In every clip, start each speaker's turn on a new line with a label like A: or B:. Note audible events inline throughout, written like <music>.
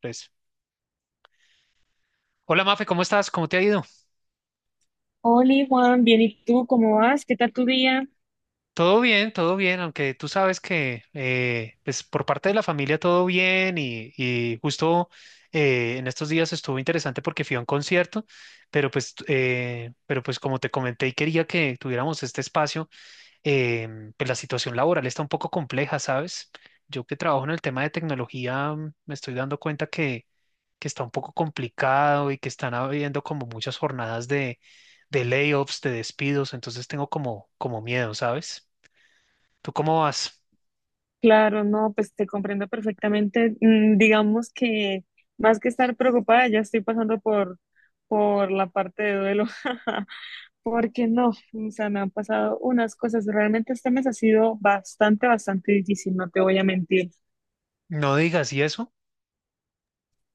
A: Tres. Hola Mafe, ¿cómo estás? ¿Cómo te ha ido?
B: Hola Juan, bien, ¿y tú cómo vas? ¿Qué tal tu día?
A: Todo bien, aunque tú sabes que pues por parte de la familia todo bien y justo en estos días estuvo interesante porque fui a un concierto, pero pero pues como te comenté y quería que tuviéramos este espacio, eh, pues la situación laboral está un poco compleja, ¿sabes? Yo que trabajo en el tema de tecnología me estoy dando cuenta que está un poco complicado y que están habiendo como muchas jornadas de layoffs, de despidos, entonces tengo como miedo, ¿sabes? ¿Tú cómo vas?
B: Claro, no, pues te comprendo perfectamente. Mm, digamos que más que estar preocupada, ya estoy pasando por la parte de duelo, <laughs> porque no, o sea, me han pasado unas cosas. Realmente este mes ha sido bastante, bastante difícil, no te voy a mentir.
A: No digas, ¿y eso?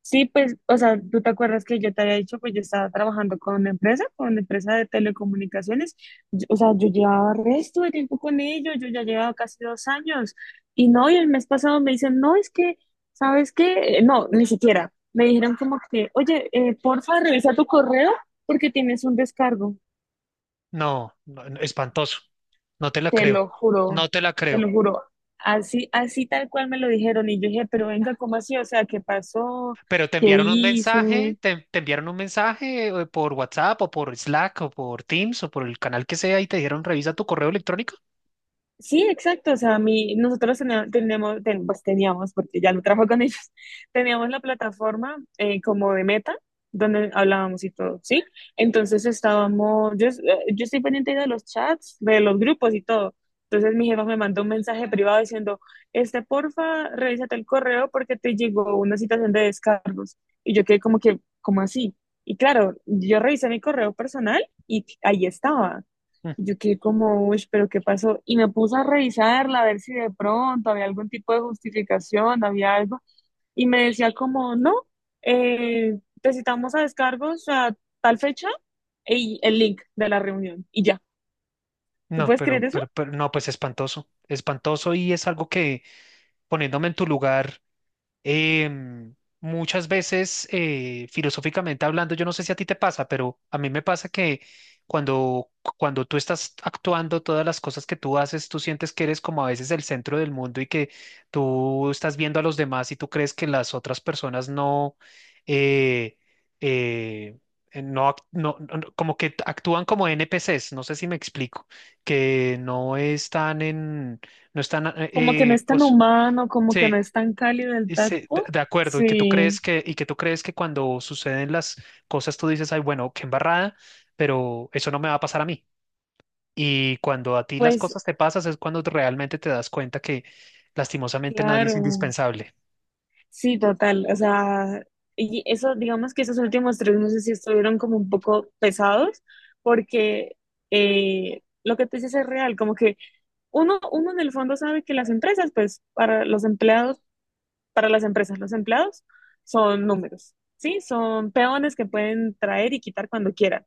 B: Sí, pues, o sea, tú te acuerdas que yo te había dicho, pues yo estaba trabajando con una empresa de telecomunicaciones. O sea, yo llevaba resto de tiempo con ellos, yo ya llevaba casi 2 años, y no, y el mes pasado me dicen, no, es que, ¿sabes qué? No, ni siquiera, me dijeron como que, oye, porfa, revisa tu correo porque tienes un descargo,
A: No, no, no, espantoso. No te la
B: te
A: creo.
B: lo juro,
A: No te la
B: te
A: creo.
B: lo juro, así, así tal cual me lo dijeron, y yo dije, pero venga, ¿cómo así? O sea, ¿qué pasó?
A: Pero te
B: ¿Qué
A: enviaron un mensaje,
B: hice?
A: te enviaron un mensaje por WhatsApp o por Slack o por Teams o por el canal que sea y te dijeron revisa tu correo electrónico.
B: Sí, exacto. O sea, mi, nosotros teníamos, teníamos, ten- pues teníamos, porque ya no trabajo con ellos, <laughs> teníamos la plataforma como de Meta, donde hablábamos y todo, ¿sí? Entonces estábamos, yo estoy pendiente de los chats, de los grupos y todo. Entonces mi jefa me mandó un mensaje privado diciendo, este, porfa, revísate el correo porque te llegó una situación de descargos. Y yo quedé como que, ¿cómo así? Y claro, yo revisé mi correo personal y ahí estaba.
A: Mm.
B: Yo quedé como, uy, pero ¿qué pasó? Y me puse a revisarla, a ver si de pronto había algún tipo de justificación, había algo. Y me decía como, no, te citamos a descargos a tal fecha y el link de la reunión. Y ya, ¿tú
A: No,
B: puedes creer eso?
A: pero no, pues espantoso, espantoso, y es algo que, poniéndome en tu lugar, em, muchas veces, filosóficamente hablando, yo no sé si a ti te pasa, pero a mí me pasa que cuando, cuando tú estás actuando, todas las cosas que tú haces, tú sientes que eres como a veces el centro del mundo y que tú estás viendo a los demás y tú crees que las otras personas no, eh, eh, no, como que actúan como NPCs, no sé si me explico, que no están no están,
B: Como que no es tan
A: pues,
B: humano, como que
A: sí.
B: no es tan cálido el
A: Ese-
B: tacto.
A: de acuerdo, y que tú crees
B: Sí,
A: que, y que tú crees que cuando suceden las cosas tú dices, ay, bueno, qué embarrada, pero eso no me va a pasar a mí. Y cuando a ti las
B: pues
A: cosas te pasas es cuando realmente te das cuenta que lastimosamente nadie es
B: claro.
A: indispensable.
B: Sí, total. O sea, y eso, digamos que esos últimos 3 meses sí estuvieron como un poco pesados, porque lo que tú dices es real, como que uno en el fondo sabe que las empresas, pues, para los empleados, para las empresas, los empleados son números, ¿sí? Son peones que pueden traer y quitar cuando quieran.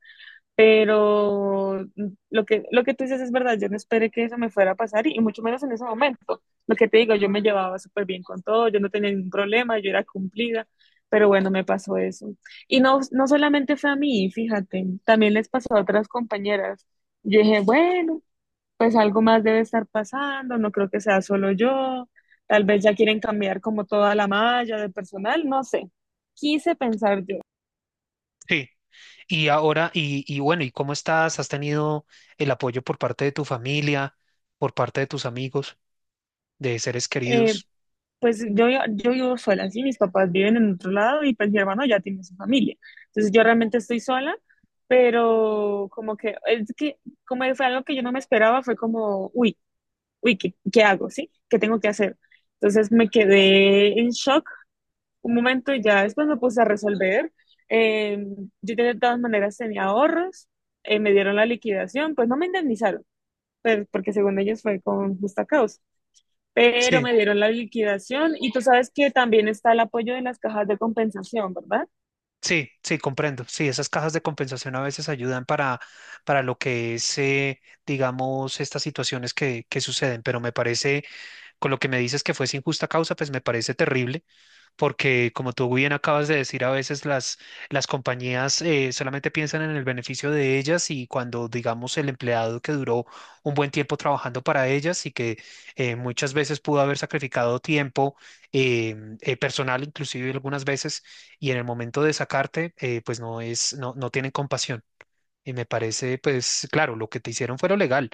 B: Pero lo que tú dices es verdad, yo no esperé que eso me fuera a pasar y mucho menos en ese momento. Lo que te digo, yo me llevaba súper bien con todo, yo no tenía ningún problema, yo era cumplida, pero bueno, me pasó eso. Y no, no solamente fue a mí, fíjate, también les pasó a otras compañeras. Yo dije, bueno, pues algo más debe estar pasando, no creo que sea solo yo, tal vez ya quieren cambiar como toda la malla de personal, no sé, quise pensar yo.
A: Sí. Y ahora, y bueno, ¿y cómo estás? ¿Has tenido el apoyo por parte de tu familia, por parte de tus amigos, de seres
B: Eh,
A: queridos?
B: pues yo vivo sola, sí, mis papás viven en otro lado y pues mi hermano ya tiene su familia. Entonces yo realmente estoy sola, pero como que, es que, como fue algo que yo no me esperaba, fue como, uy, uy, ¿qué, qué hago? ¿Sí? ¿Qué tengo que hacer? Entonces me quedé en shock un momento y ya después me puse a resolver. Eh, yo de todas maneras tenía ahorros, me dieron la liquidación, pues no me indemnizaron, pero, porque según ellos fue con justa causa, pero
A: Sí.
B: me dieron la liquidación y tú sabes que también está el apoyo de las cajas de compensación, ¿verdad?
A: Sí, sí, comprendo. Sí, esas cajas de compensación a veces ayudan para lo que es, digamos, estas situaciones que suceden, pero me parece, con lo que me dices que fue sin justa causa, pues me parece terrible porque, como tú bien acabas de decir, a veces las compañías solamente piensan en el beneficio de ellas y cuando, digamos, el empleado que duró un buen tiempo trabajando para ellas y que muchas veces pudo haber sacrificado tiempo eh, personal, inclusive algunas veces, y en el momento de sacarte, pues no es, no, no tienen compasión. Y me parece, pues claro, lo que te hicieron fue lo legal,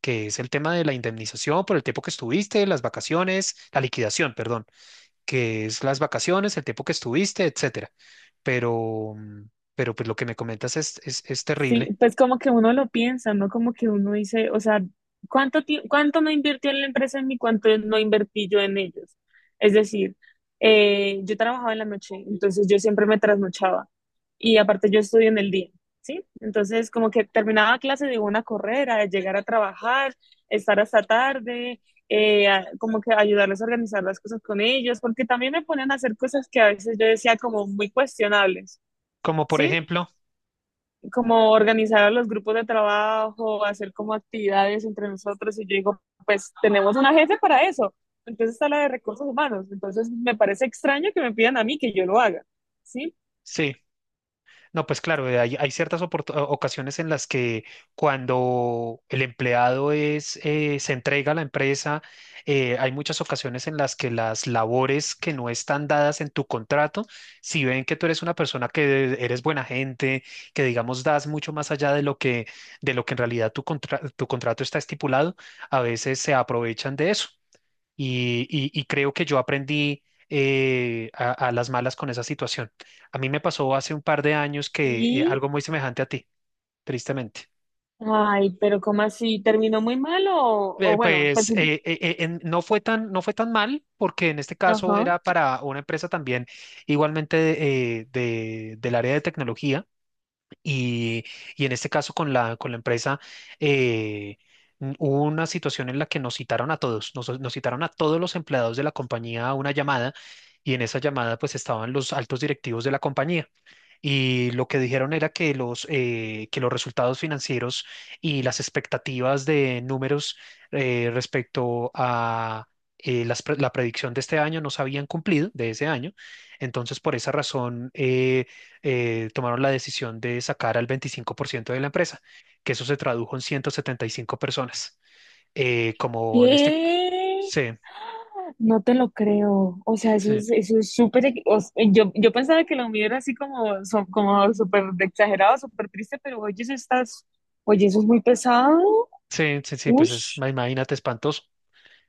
A: que es el tema de la indemnización por el tiempo que estuviste, las vacaciones, la liquidación, perdón, que es las vacaciones, el tiempo que estuviste, etcétera. Pero, pero pues lo que me comentas es
B: Sí,
A: terrible.
B: pues como que uno lo piensa, ¿no? Como que uno dice, o sea, ¿cuánto no invirtió en la empresa en mí? ¿Cuánto no invertí yo en ellos? Es decir, yo trabajaba en la noche, entonces yo siempre me trasnochaba y aparte yo estudio en el día, ¿sí? Entonces como que terminaba clase de una carrera, llegar a trabajar, estar hasta tarde, como que ayudarles a organizar las cosas con ellos, porque también me ponían a hacer cosas que a veces yo decía como muy cuestionables.
A: Como por
B: ¿Sí?
A: ejemplo,
B: Como organizar a los grupos de trabajo, hacer como actividades entre nosotros y yo digo, pues tenemos una jefe para eso, entonces está la de recursos humanos, entonces me parece extraño que me pidan a mí que yo lo haga, ¿sí?
A: sí. No, pues claro, hay, hay ciertas oportu- ocasiones en las que, cuando el empleado es, se entrega a la empresa, hay muchas ocasiones en las que las labores que no están dadas en tu contrato, si ven que tú eres una persona que eres buena gente, que digamos das mucho más allá de lo que en realidad tu contra- tu contrato está estipulado, a veces se aprovechan de eso y creo que yo aprendí a las malas con esa situación. A mí me pasó hace un par de años que,
B: Y,
A: algo muy semejante a ti, tristemente.
B: ay, pero ¿cómo así? ¿Terminó muy mal o bueno, pues, sí,
A: En- no fue tan, no fue tan mal, porque en este caso
B: ajá.
A: era para una empresa también, igualmente de- del área de tecnología. Y, y en este caso con la empresa, eh, n- hubo una situación en la que nos citaron a todos, nos citaron a todos los empleados de la compañía a una llamada, y en esa llamada pues estaban los altos directivos de la compañía. Y lo que dijeron era que los resultados financieros y las expectativas de números, respecto a, las pre- la predicción de este año no se habían cumplido, de ese año. Entonces, por esa razón, tomaron la decisión de sacar al 25% de la empresa, que eso se tradujo en 175 personas. Como en este...
B: ¿Qué?
A: Sí,
B: No te lo creo. O sea,
A: sí,
B: eso es súper. Yo pensaba que lo mío era así como, como súper exagerado, súper triste, pero oye, eso estás. Oye, eso es muy pesado.
A: sí, sí, sí, pues es,
B: Ush,
A: ma- imagínate, espantoso.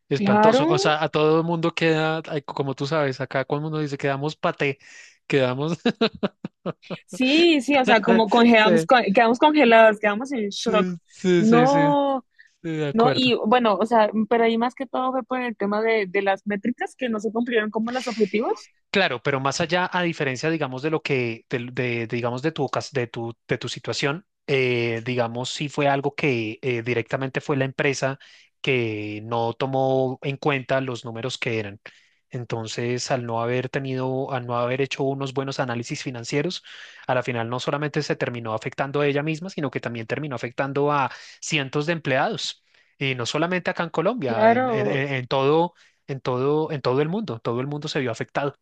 A: Espantoso. O
B: claro.
A: sea, a todo el mundo queda, ay, como tú sabes, acá cuando uno dice quedamos paté, quedamos. <laughs>
B: Sí, sí, o sea, como congelamos,
A: Sí,
B: quedamos congelados, quedamos en shock.
A: sí, sí, sí, sí,
B: No,
A: de
B: no,
A: acuerdo.
B: y bueno, o sea, pero ahí más que todo fue por el tema de las métricas que no se cumplieron como los objetivos.
A: Claro, pero más allá, a diferencia, digamos, de lo que, del- de, digamos, de tu, ocas- de tu situación, digamos, sí fue algo que, directamente fue la empresa que no tomó en cuenta los números que eran. Entonces, al no haber tenido, al no haber hecho unos buenos análisis financieros, a la final no solamente se terminó afectando a ella misma, sino que también terminó afectando a cientos de empleados. Y no solamente acá en Colombia,
B: Claro,
A: en todo, en todo, en todo el mundo se vio afectado.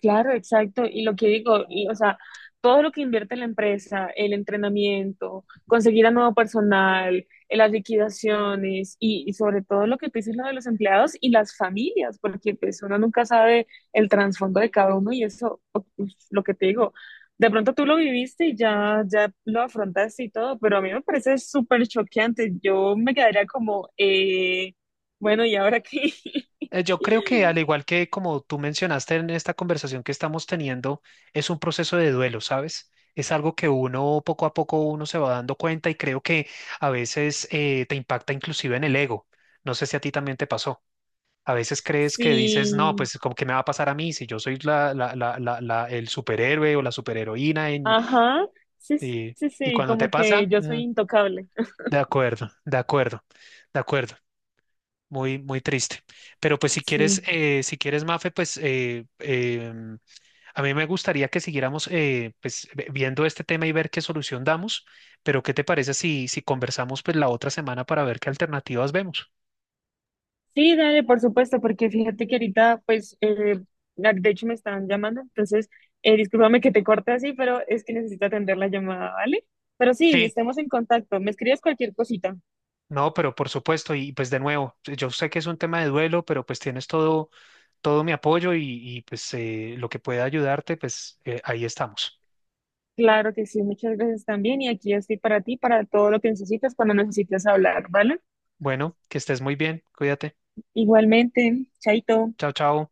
B: claro, exacto. Y lo que digo, y, o sea, todo lo que invierte la empresa, el entrenamiento, conseguir a nuevo personal, las liquidaciones y sobre todo lo que tú dices, lo de los empleados y las familias, porque pues uno nunca sabe el trasfondo de cada uno y eso, uf, lo que te digo, de pronto tú lo viviste y ya, ya lo afrontaste y todo, pero a mí me parece súper choqueante. Yo me quedaría como, bueno, ¿y ahora qué? <laughs>
A: Yo creo que, al igual que como tú mencionaste en esta conversación que estamos teniendo, es un proceso de duelo, ¿sabes? Es algo que uno poco a poco uno se va dando cuenta, y creo que a veces, te impacta inclusive en el ego. No sé si a ti también te pasó. A veces crees que dices, no,
B: Sí,
A: pues como que me va a pasar a mí si yo soy la, la, la, la, la- el superhéroe o la superheroína en,
B: ajá, sí,
A: eh,
B: sí,
A: y
B: sí,
A: cuando te
B: como que
A: pasa,
B: yo soy intocable.
A: de acuerdo, de acuerdo, de acuerdo. Muy, muy triste. Pero pues si quieres,
B: Sí,
A: si quieres, Mafe, pues a mí me gustaría que siguiéramos, pues, ve- viendo este tema y ver qué solución damos. Pero ¿qué te parece si, si conversamos pues la otra semana para ver qué alternativas vemos?
B: sí, dale, por supuesto, porque fíjate que ahorita, pues, de hecho me están llamando, entonces, discúlpame que te corte así, pero es que necesito atender la llamada, ¿vale? Pero sí,
A: Sí,
B: estemos en contacto, me escribes cualquier cosita.
A: no, pero por supuesto, y pues de nuevo, yo sé que es un tema de duelo, pero pues tienes todo, todo mi apoyo y, pues lo que pueda ayudarte, pues ahí estamos.
B: Claro que sí, muchas gracias también, y aquí estoy para ti, para todo lo que necesitas cuando necesites hablar, ¿vale?
A: Bueno, que estés muy bien, cuídate.
B: Igualmente, chaito.
A: Chao, chao.